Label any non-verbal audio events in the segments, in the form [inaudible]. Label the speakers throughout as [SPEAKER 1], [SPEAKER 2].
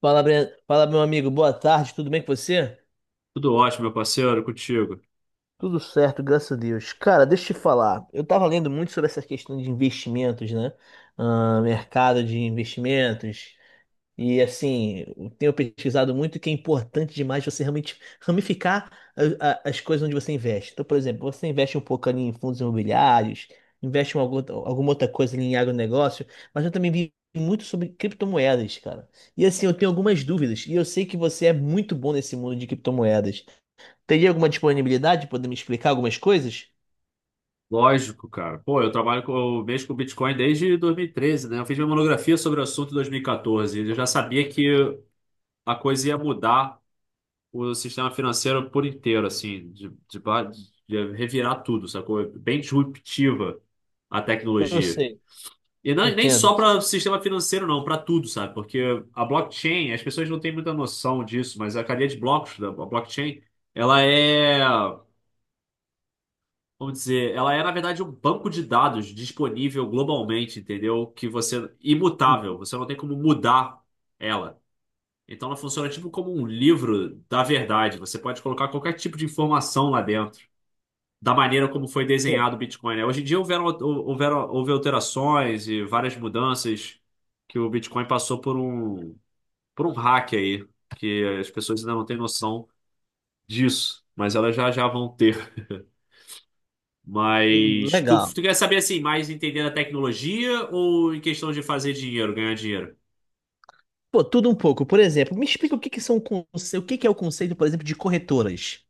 [SPEAKER 1] Fala, Breno. Fala, meu amigo. Boa tarde, tudo bem com você?
[SPEAKER 2] Tudo ótimo, meu parceiro, contigo.
[SPEAKER 1] Tudo certo, graças a Deus. Cara, deixa eu te falar. Eu tava lendo muito sobre essa questão de investimentos, né? Ah, mercado de investimentos. E assim, eu tenho pesquisado muito que é importante demais você realmente ramificar as coisas onde você investe. Então, por exemplo, você investe um pouco ali em fundos imobiliários, investe em alguma outra coisa ali em agronegócio, mas eu também vi muito sobre criptomoedas, cara. E assim, eu tenho algumas dúvidas, e eu sei que você é muito bom nesse mundo de criptomoedas. Teria alguma disponibilidade de poder me explicar algumas coisas?
[SPEAKER 2] Lógico, cara. Pô, eu mexo com Bitcoin desde 2013, né? Eu fiz minha monografia sobre o assunto em 2014. E quatorze. E eu já sabia que a coisa ia mudar o sistema financeiro por inteiro, assim, de revirar tudo, sacou? É bem disruptiva a
[SPEAKER 1] Eu
[SPEAKER 2] tecnologia.
[SPEAKER 1] sei,
[SPEAKER 2] Nem
[SPEAKER 1] entendo.
[SPEAKER 2] só para o sistema financeiro, não, para tudo, sabe? Porque a blockchain, as pessoas não têm muita noção disso, mas a cadeia de blocos da blockchain, ela é. Vamos dizer, ela é, na verdade, um banco de dados disponível globalmente, entendeu? Que você, é imutável, você não tem como mudar ela. Então ela funciona tipo como um livro da verdade. Você pode colocar qualquer tipo de informação lá dentro, da maneira como foi
[SPEAKER 1] Pô,
[SPEAKER 2] desenhado o Bitcoin, né? Hoje em dia houve alterações e várias mudanças que o Bitcoin passou por um hack aí. E as pessoas ainda não têm noção disso, mas elas já vão ter. Mas tu,
[SPEAKER 1] legal.
[SPEAKER 2] tu quer saber assim, mais entender a tecnologia ou em questão de fazer dinheiro, ganhar dinheiro?
[SPEAKER 1] Pô, tudo um pouco. Por exemplo, me explica o que que são o que que é o conceito, por exemplo, de corretoras.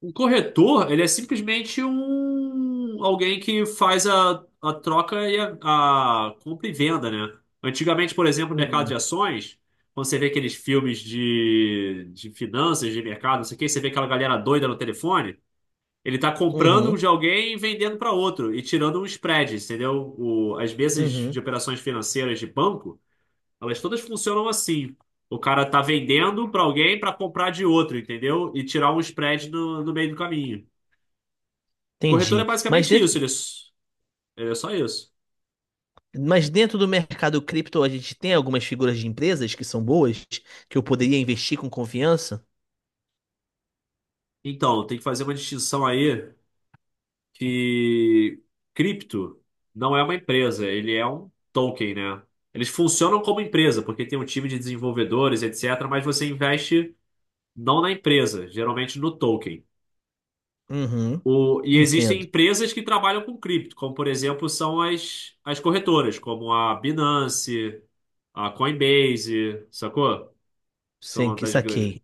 [SPEAKER 2] Um corretor, ele é simplesmente um alguém que faz a troca e a compra e venda, né? Antigamente, por exemplo, no mercado de
[SPEAKER 1] Uhum.
[SPEAKER 2] ações, quando você vê aqueles filmes de finanças, de mercado, não sei o quê, você vê aquela galera doida no telefone, ele tá comprando
[SPEAKER 1] Uhum,
[SPEAKER 2] um de alguém e vendendo para outro e tirando um spread, entendeu? As mesas
[SPEAKER 1] uhum,
[SPEAKER 2] de operações financeiras de banco, elas todas funcionam assim. O cara tá vendendo para alguém para comprar de outro, entendeu? E tirar um spread no meio do caminho. O corretor é
[SPEAKER 1] entendi.
[SPEAKER 2] basicamente isso, ele é só isso.
[SPEAKER 1] Mas dentro do mercado cripto a gente tem algumas figuras de empresas que são boas, que eu poderia investir com confiança?
[SPEAKER 2] Então, tem que fazer uma distinção aí que cripto não é uma empresa, ele é um token, né? Eles funcionam como empresa, porque tem um time de desenvolvedores, etc., mas você investe não na empresa, geralmente no token.
[SPEAKER 1] Uhum,
[SPEAKER 2] E existem
[SPEAKER 1] entendo.
[SPEAKER 2] empresas que trabalham com cripto, como por exemplo são as corretoras, como a Binance, a Coinbase, sacou?
[SPEAKER 1] Sem
[SPEAKER 2] São
[SPEAKER 1] que
[SPEAKER 2] das grandes.
[SPEAKER 1] saquei.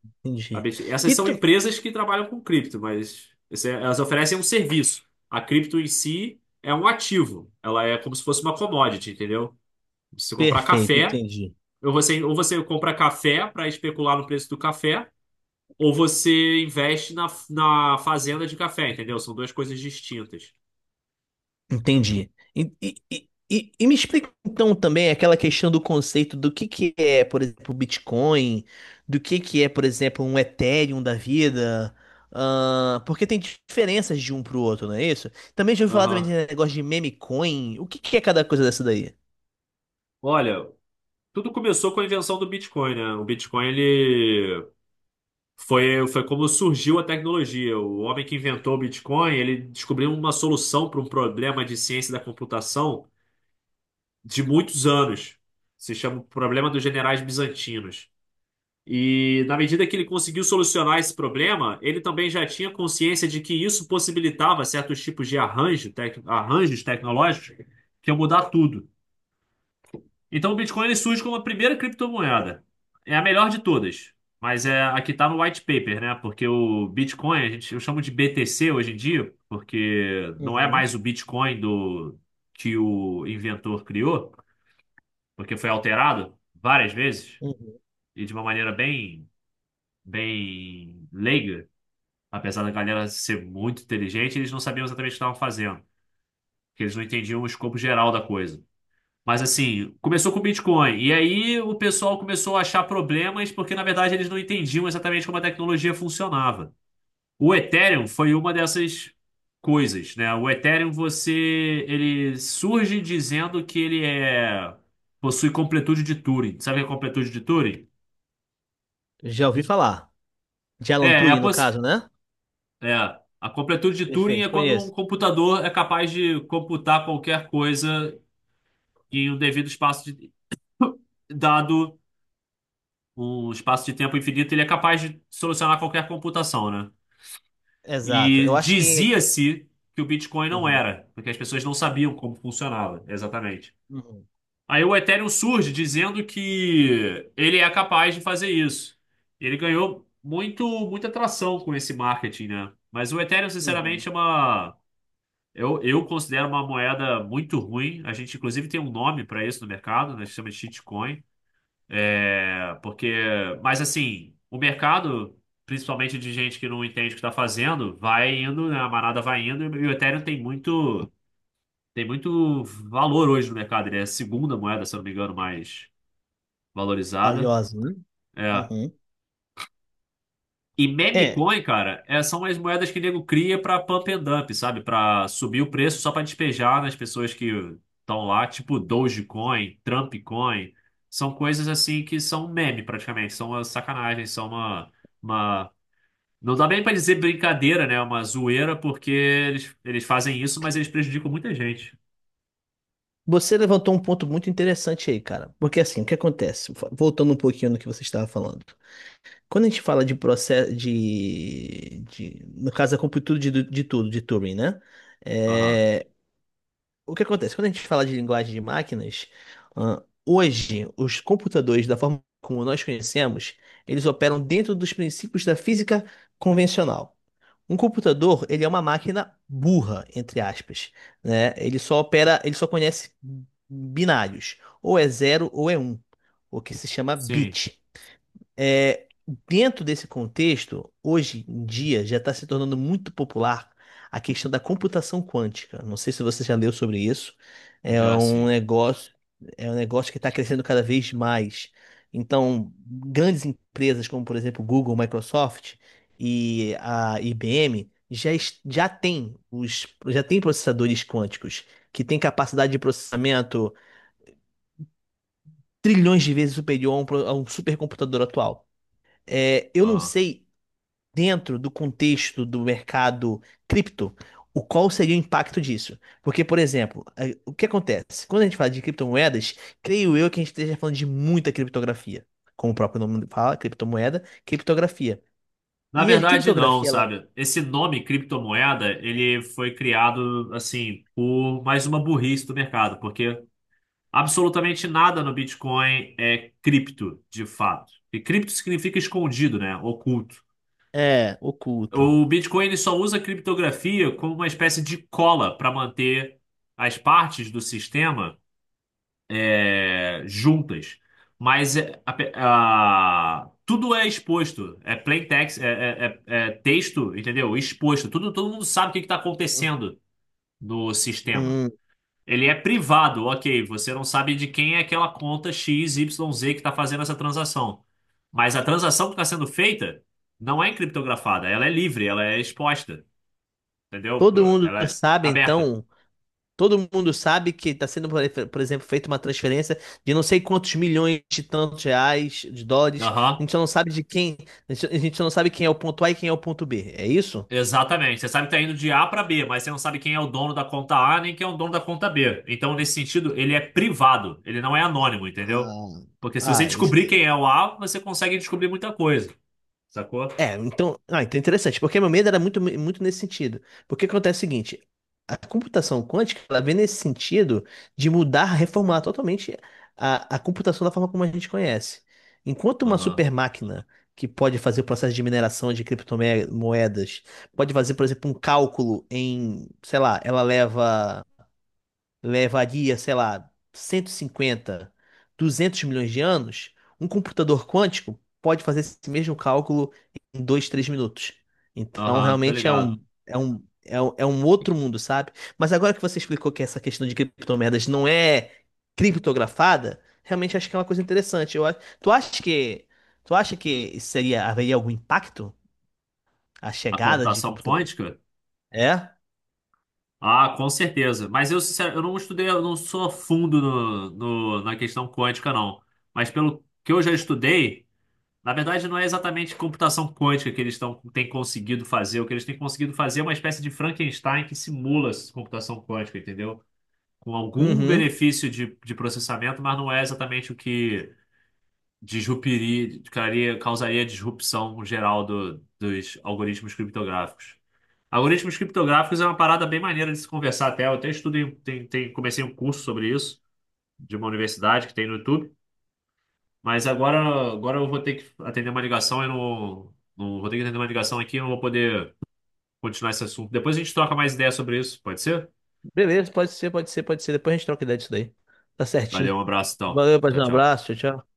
[SPEAKER 2] A
[SPEAKER 1] Entendi.
[SPEAKER 2] BTC. Essas
[SPEAKER 1] E
[SPEAKER 2] são
[SPEAKER 1] tu...
[SPEAKER 2] empresas que trabalham com cripto, mas elas oferecem um serviço. A cripto em si é um ativo, ela é como se fosse uma commodity, entendeu? Se você comprar
[SPEAKER 1] Perfeito,
[SPEAKER 2] café,
[SPEAKER 1] entendi.
[SPEAKER 2] ou você compra café para especular no preço do café, ou você investe na fazenda de café, entendeu? São duas coisas distintas.
[SPEAKER 1] Entendi. E, me explica então também aquela questão do conceito do que é, por exemplo, o Bitcoin, do que é, por exemplo, um Ethereum da vida, ah, porque tem diferenças de um pro outro, não é isso? Também já ouvi falar também
[SPEAKER 2] Aham.
[SPEAKER 1] de negócio de meme coin. O que que é cada coisa dessa daí?
[SPEAKER 2] Olha, tudo começou com a invenção do Bitcoin, né? O Bitcoin, ele foi como surgiu a tecnologia. O homem que inventou o Bitcoin, ele descobriu uma solução para um problema de ciência da computação de muitos anos. Se chama o problema dos generais bizantinos. E na medida que ele conseguiu solucionar esse problema, ele também já tinha consciência de que isso possibilitava certos tipos de arranjo, arranjos tecnológicos que iam mudar tudo. Então o Bitcoin ele surge como a primeira criptomoeda. É a melhor de todas. Mas é a que está no white paper, né? Porque o Bitcoin, a gente, eu chamo de BTC hoje em dia, porque não é
[SPEAKER 1] Uhum,
[SPEAKER 2] mais o Bitcoin do que o inventor criou, porque foi alterado várias vezes
[SPEAKER 1] uhum.
[SPEAKER 2] e de uma maneira bem, bem leiga. Apesar da galera ser muito inteligente, eles não sabiam exatamente o que estavam fazendo, porque eles não entendiam o escopo geral da coisa. Mas assim, começou com o Bitcoin. E aí o pessoal começou a achar problemas porque, na verdade, eles não entendiam exatamente como a tecnologia funcionava. O Ethereum foi uma dessas coisas, né? O Ethereum, ele surge dizendo que possui completude de Turing. Sabe o que é completude de Turing?
[SPEAKER 1] Já ouvi falar. De
[SPEAKER 2] É,
[SPEAKER 1] Alan
[SPEAKER 2] é a,
[SPEAKER 1] Turing, no
[SPEAKER 2] poss...
[SPEAKER 1] caso, né?
[SPEAKER 2] é, a completude de Turing é
[SPEAKER 1] Perfeito,
[SPEAKER 2] quando um
[SPEAKER 1] conheço.
[SPEAKER 2] computador é capaz de computar qualquer coisa em um devido espaço de... [coughs] [laughs] dado um espaço de tempo infinito, ele é capaz de solucionar qualquer computação, né?
[SPEAKER 1] Exato.
[SPEAKER 2] E
[SPEAKER 1] Eu acho que.
[SPEAKER 2] dizia-se que o Bitcoin não
[SPEAKER 1] Uhum,
[SPEAKER 2] era, porque as pessoas não sabiam como funcionava, exatamente.
[SPEAKER 1] uhum.
[SPEAKER 2] Aí o Ethereum surge dizendo que ele é capaz de fazer isso. Ele ganhou muito, muita atração com esse marketing, né? Mas o Ethereum,
[SPEAKER 1] Uhum,
[SPEAKER 2] sinceramente, é uma. Eu considero uma moeda muito ruim. A gente, inclusive, tem um nome para isso no mercado, né? Se chama de shitcoin. É, porque, mas assim, o mercado, principalmente de gente que não entende o que está fazendo, vai indo, né? A manada vai indo e o Ethereum tem muito valor hoje no mercado. Ele é a segunda moeda, se eu não me engano, mais valorizada.
[SPEAKER 1] valiosa, né?
[SPEAKER 2] É.
[SPEAKER 1] Uhum.
[SPEAKER 2] E meme coin, cara, são as moedas que o nego cria pra pump and dump, sabe? Pra subir o preço só pra despejar nas pessoas que estão lá, tipo Dogecoin, Trump Coin. São coisas assim que são meme praticamente, são uma sacanagem, são uma... Não dá bem pra dizer brincadeira, né? É uma zoeira, porque eles fazem isso, mas eles prejudicam muita gente.
[SPEAKER 1] Você levantou um ponto muito interessante aí, cara. Porque assim, o que acontece? Voltando um pouquinho no que você estava falando. Quando a gente fala de processo no caso, a completude de tudo, de Turing, né?
[SPEAKER 2] Aham.
[SPEAKER 1] É, o que acontece? Quando a gente fala de linguagem de máquinas, ah, hoje, os computadores, da forma como nós conhecemos, eles operam dentro dos princípios da física convencional. Um computador, ele é uma máquina burra, entre aspas, né? Ele só opera, ele só conhece binários, ou é zero ou é um, o que se chama
[SPEAKER 2] Sim,
[SPEAKER 1] bit. É, dentro desse contexto, hoje em dia já está se tornando muito popular a questão da computação quântica. Não sei se você já leu sobre isso. É
[SPEAKER 2] já
[SPEAKER 1] um
[SPEAKER 2] sim.
[SPEAKER 1] negócio, é um negócio que está crescendo cada vez mais. Então, grandes empresas como, por exemplo, Google, Microsoft e a IBM já, já têm os, já têm processadores quânticos que têm capacidade de processamento trilhões de vezes superior a um, a um supercomputador atual. É, eu não
[SPEAKER 2] Aham.
[SPEAKER 1] sei dentro do contexto do mercado cripto, o qual seria o impacto disso? Porque, por exemplo, o que acontece? Quando a gente fala de criptomoedas, creio eu que a gente esteja falando de muita criptografia. Como o próprio nome fala, criptomoeda, criptografia.
[SPEAKER 2] Na
[SPEAKER 1] E a
[SPEAKER 2] verdade, não,
[SPEAKER 1] criptografia, ela
[SPEAKER 2] sabe? Esse nome criptomoeda, ele foi criado, assim, por mais uma burrice do mercado, porque absolutamente nada no Bitcoin é cripto, de fato. E cripto significa escondido, né? Oculto.
[SPEAKER 1] é oculto.
[SPEAKER 2] O Bitcoin, ele só usa a criptografia como uma espécie de cola para manter as partes do sistema juntas, mas tudo é exposto, é plain text, é texto, entendeu? Exposto, tudo, todo mundo sabe o que está acontecendo no sistema.
[SPEAKER 1] Hum,
[SPEAKER 2] Ele é privado, ok, você não sabe de quem é aquela conta X, Y, Z que está fazendo essa transação. Mas a transação que está sendo feita não é encriptografada, ela é livre, ela é exposta, entendeu?
[SPEAKER 1] todo mundo
[SPEAKER 2] Ela é
[SPEAKER 1] sabe,
[SPEAKER 2] aberta.
[SPEAKER 1] então, todo mundo sabe que está sendo, por exemplo, feita uma transferência de não sei quantos milhões de tantos reais, de dólares. A
[SPEAKER 2] Aham.
[SPEAKER 1] gente só não sabe de quem, a gente só não sabe quem é o ponto A e quem é o ponto B. É isso?
[SPEAKER 2] Exatamente. Você sabe que está indo de A para B, mas você não sabe quem é o dono da conta A nem quem é o dono da conta B. Então, nesse sentido, ele é privado, ele não é anônimo, entendeu?
[SPEAKER 1] Ah,
[SPEAKER 2] Porque se você
[SPEAKER 1] ah,
[SPEAKER 2] descobrir quem é o A, você consegue descobrir muita coisa, sacou?
[SPEAKER 1] é, então, ah, então é interessante, porque meu medo era muito, muito nesse sentido. Porque acontece o seguinte, a computação quântica, ela vem nesse sentido de mudar, reformular totalmente a computação da forma como a gente conhece. Enquanto uma
[SPEAKER 2] Aham,
[SPEAKER 1] super máquina que pode fazer o processo de mineração de criptomoedas, pode fazer, por exemplo, um cálculo em, sei lá, ela leva levaria, sei lá, 150, 200 milhões de anos, um computador quântico pode fazer esse mesmo cálculo em 2, 3 minutos. Então,
[SPEAKER 2] aham, tô
[SPEAKER 1] realmente
[SPEAKER 2] ligado.
[SPEAKER 1] é um outro mundo, sabe? Mas agora que você explicou que essa questão de criptomoedas não é criptografada, realmente acho que é uma coisa interessante. Eu, tu acha que, tu acha que seria, haveria algum impacto a
[SPEAKER 2] A
[SPEAKER 1] chegada de
[SPEAKER 2] computação
[SPEAKER 1] computador?
[SPEAKER 2] quântica?
[SPEAKER 1] É?
[SPEAKER 2] Ah, com certeza. Mas eu, sincero, eu não estudei, eu não sou a fundo na questão quântica, não. Mas pelo que eu já estudei. Na verdade, não é exatamente computação quântica que têm conseguido fazer. O que eles têm conseguido fazer é uma espécie de Frankenstein que simula essa computação quântica, entendeu? Com algum
[SPEAKER 1] Uhum.
[SPEAKER 2] benefício de processamento, mas não é exatamente o que disrupiria, causaria disrupção geral dos algoritmos criptográficos. Algoritmos criptográficos é uma parada bem maneira de se conversar até. Eu até estudei, comecei um curso sobre isso de uma universidade que tem no YouTube. Mas agora eu vou ter que atender uma ligação, eu não, não vou ter que atender uma ligação aqui, eu não vou poder continuar esse assunto. Depois a gente troca mais ideia sobre isso, pode ser?
[SPEAKER 1] Beleza, pode ser, pode ser, pode ser. Depois a gente troca ideia disso daí. Tá
[SPEAKER 2] Valeu,
[SPEAKER 1] certinho.
[SPEAKER 2] um abraço, então.
[SPEAKER 1] Valeu, paz,
[SPEAKER 2] Tchau,
[SPEAKER 1] um
[SPEAKER 2] tchau.
[SPEAKER 1] abraço, tchau, tchau.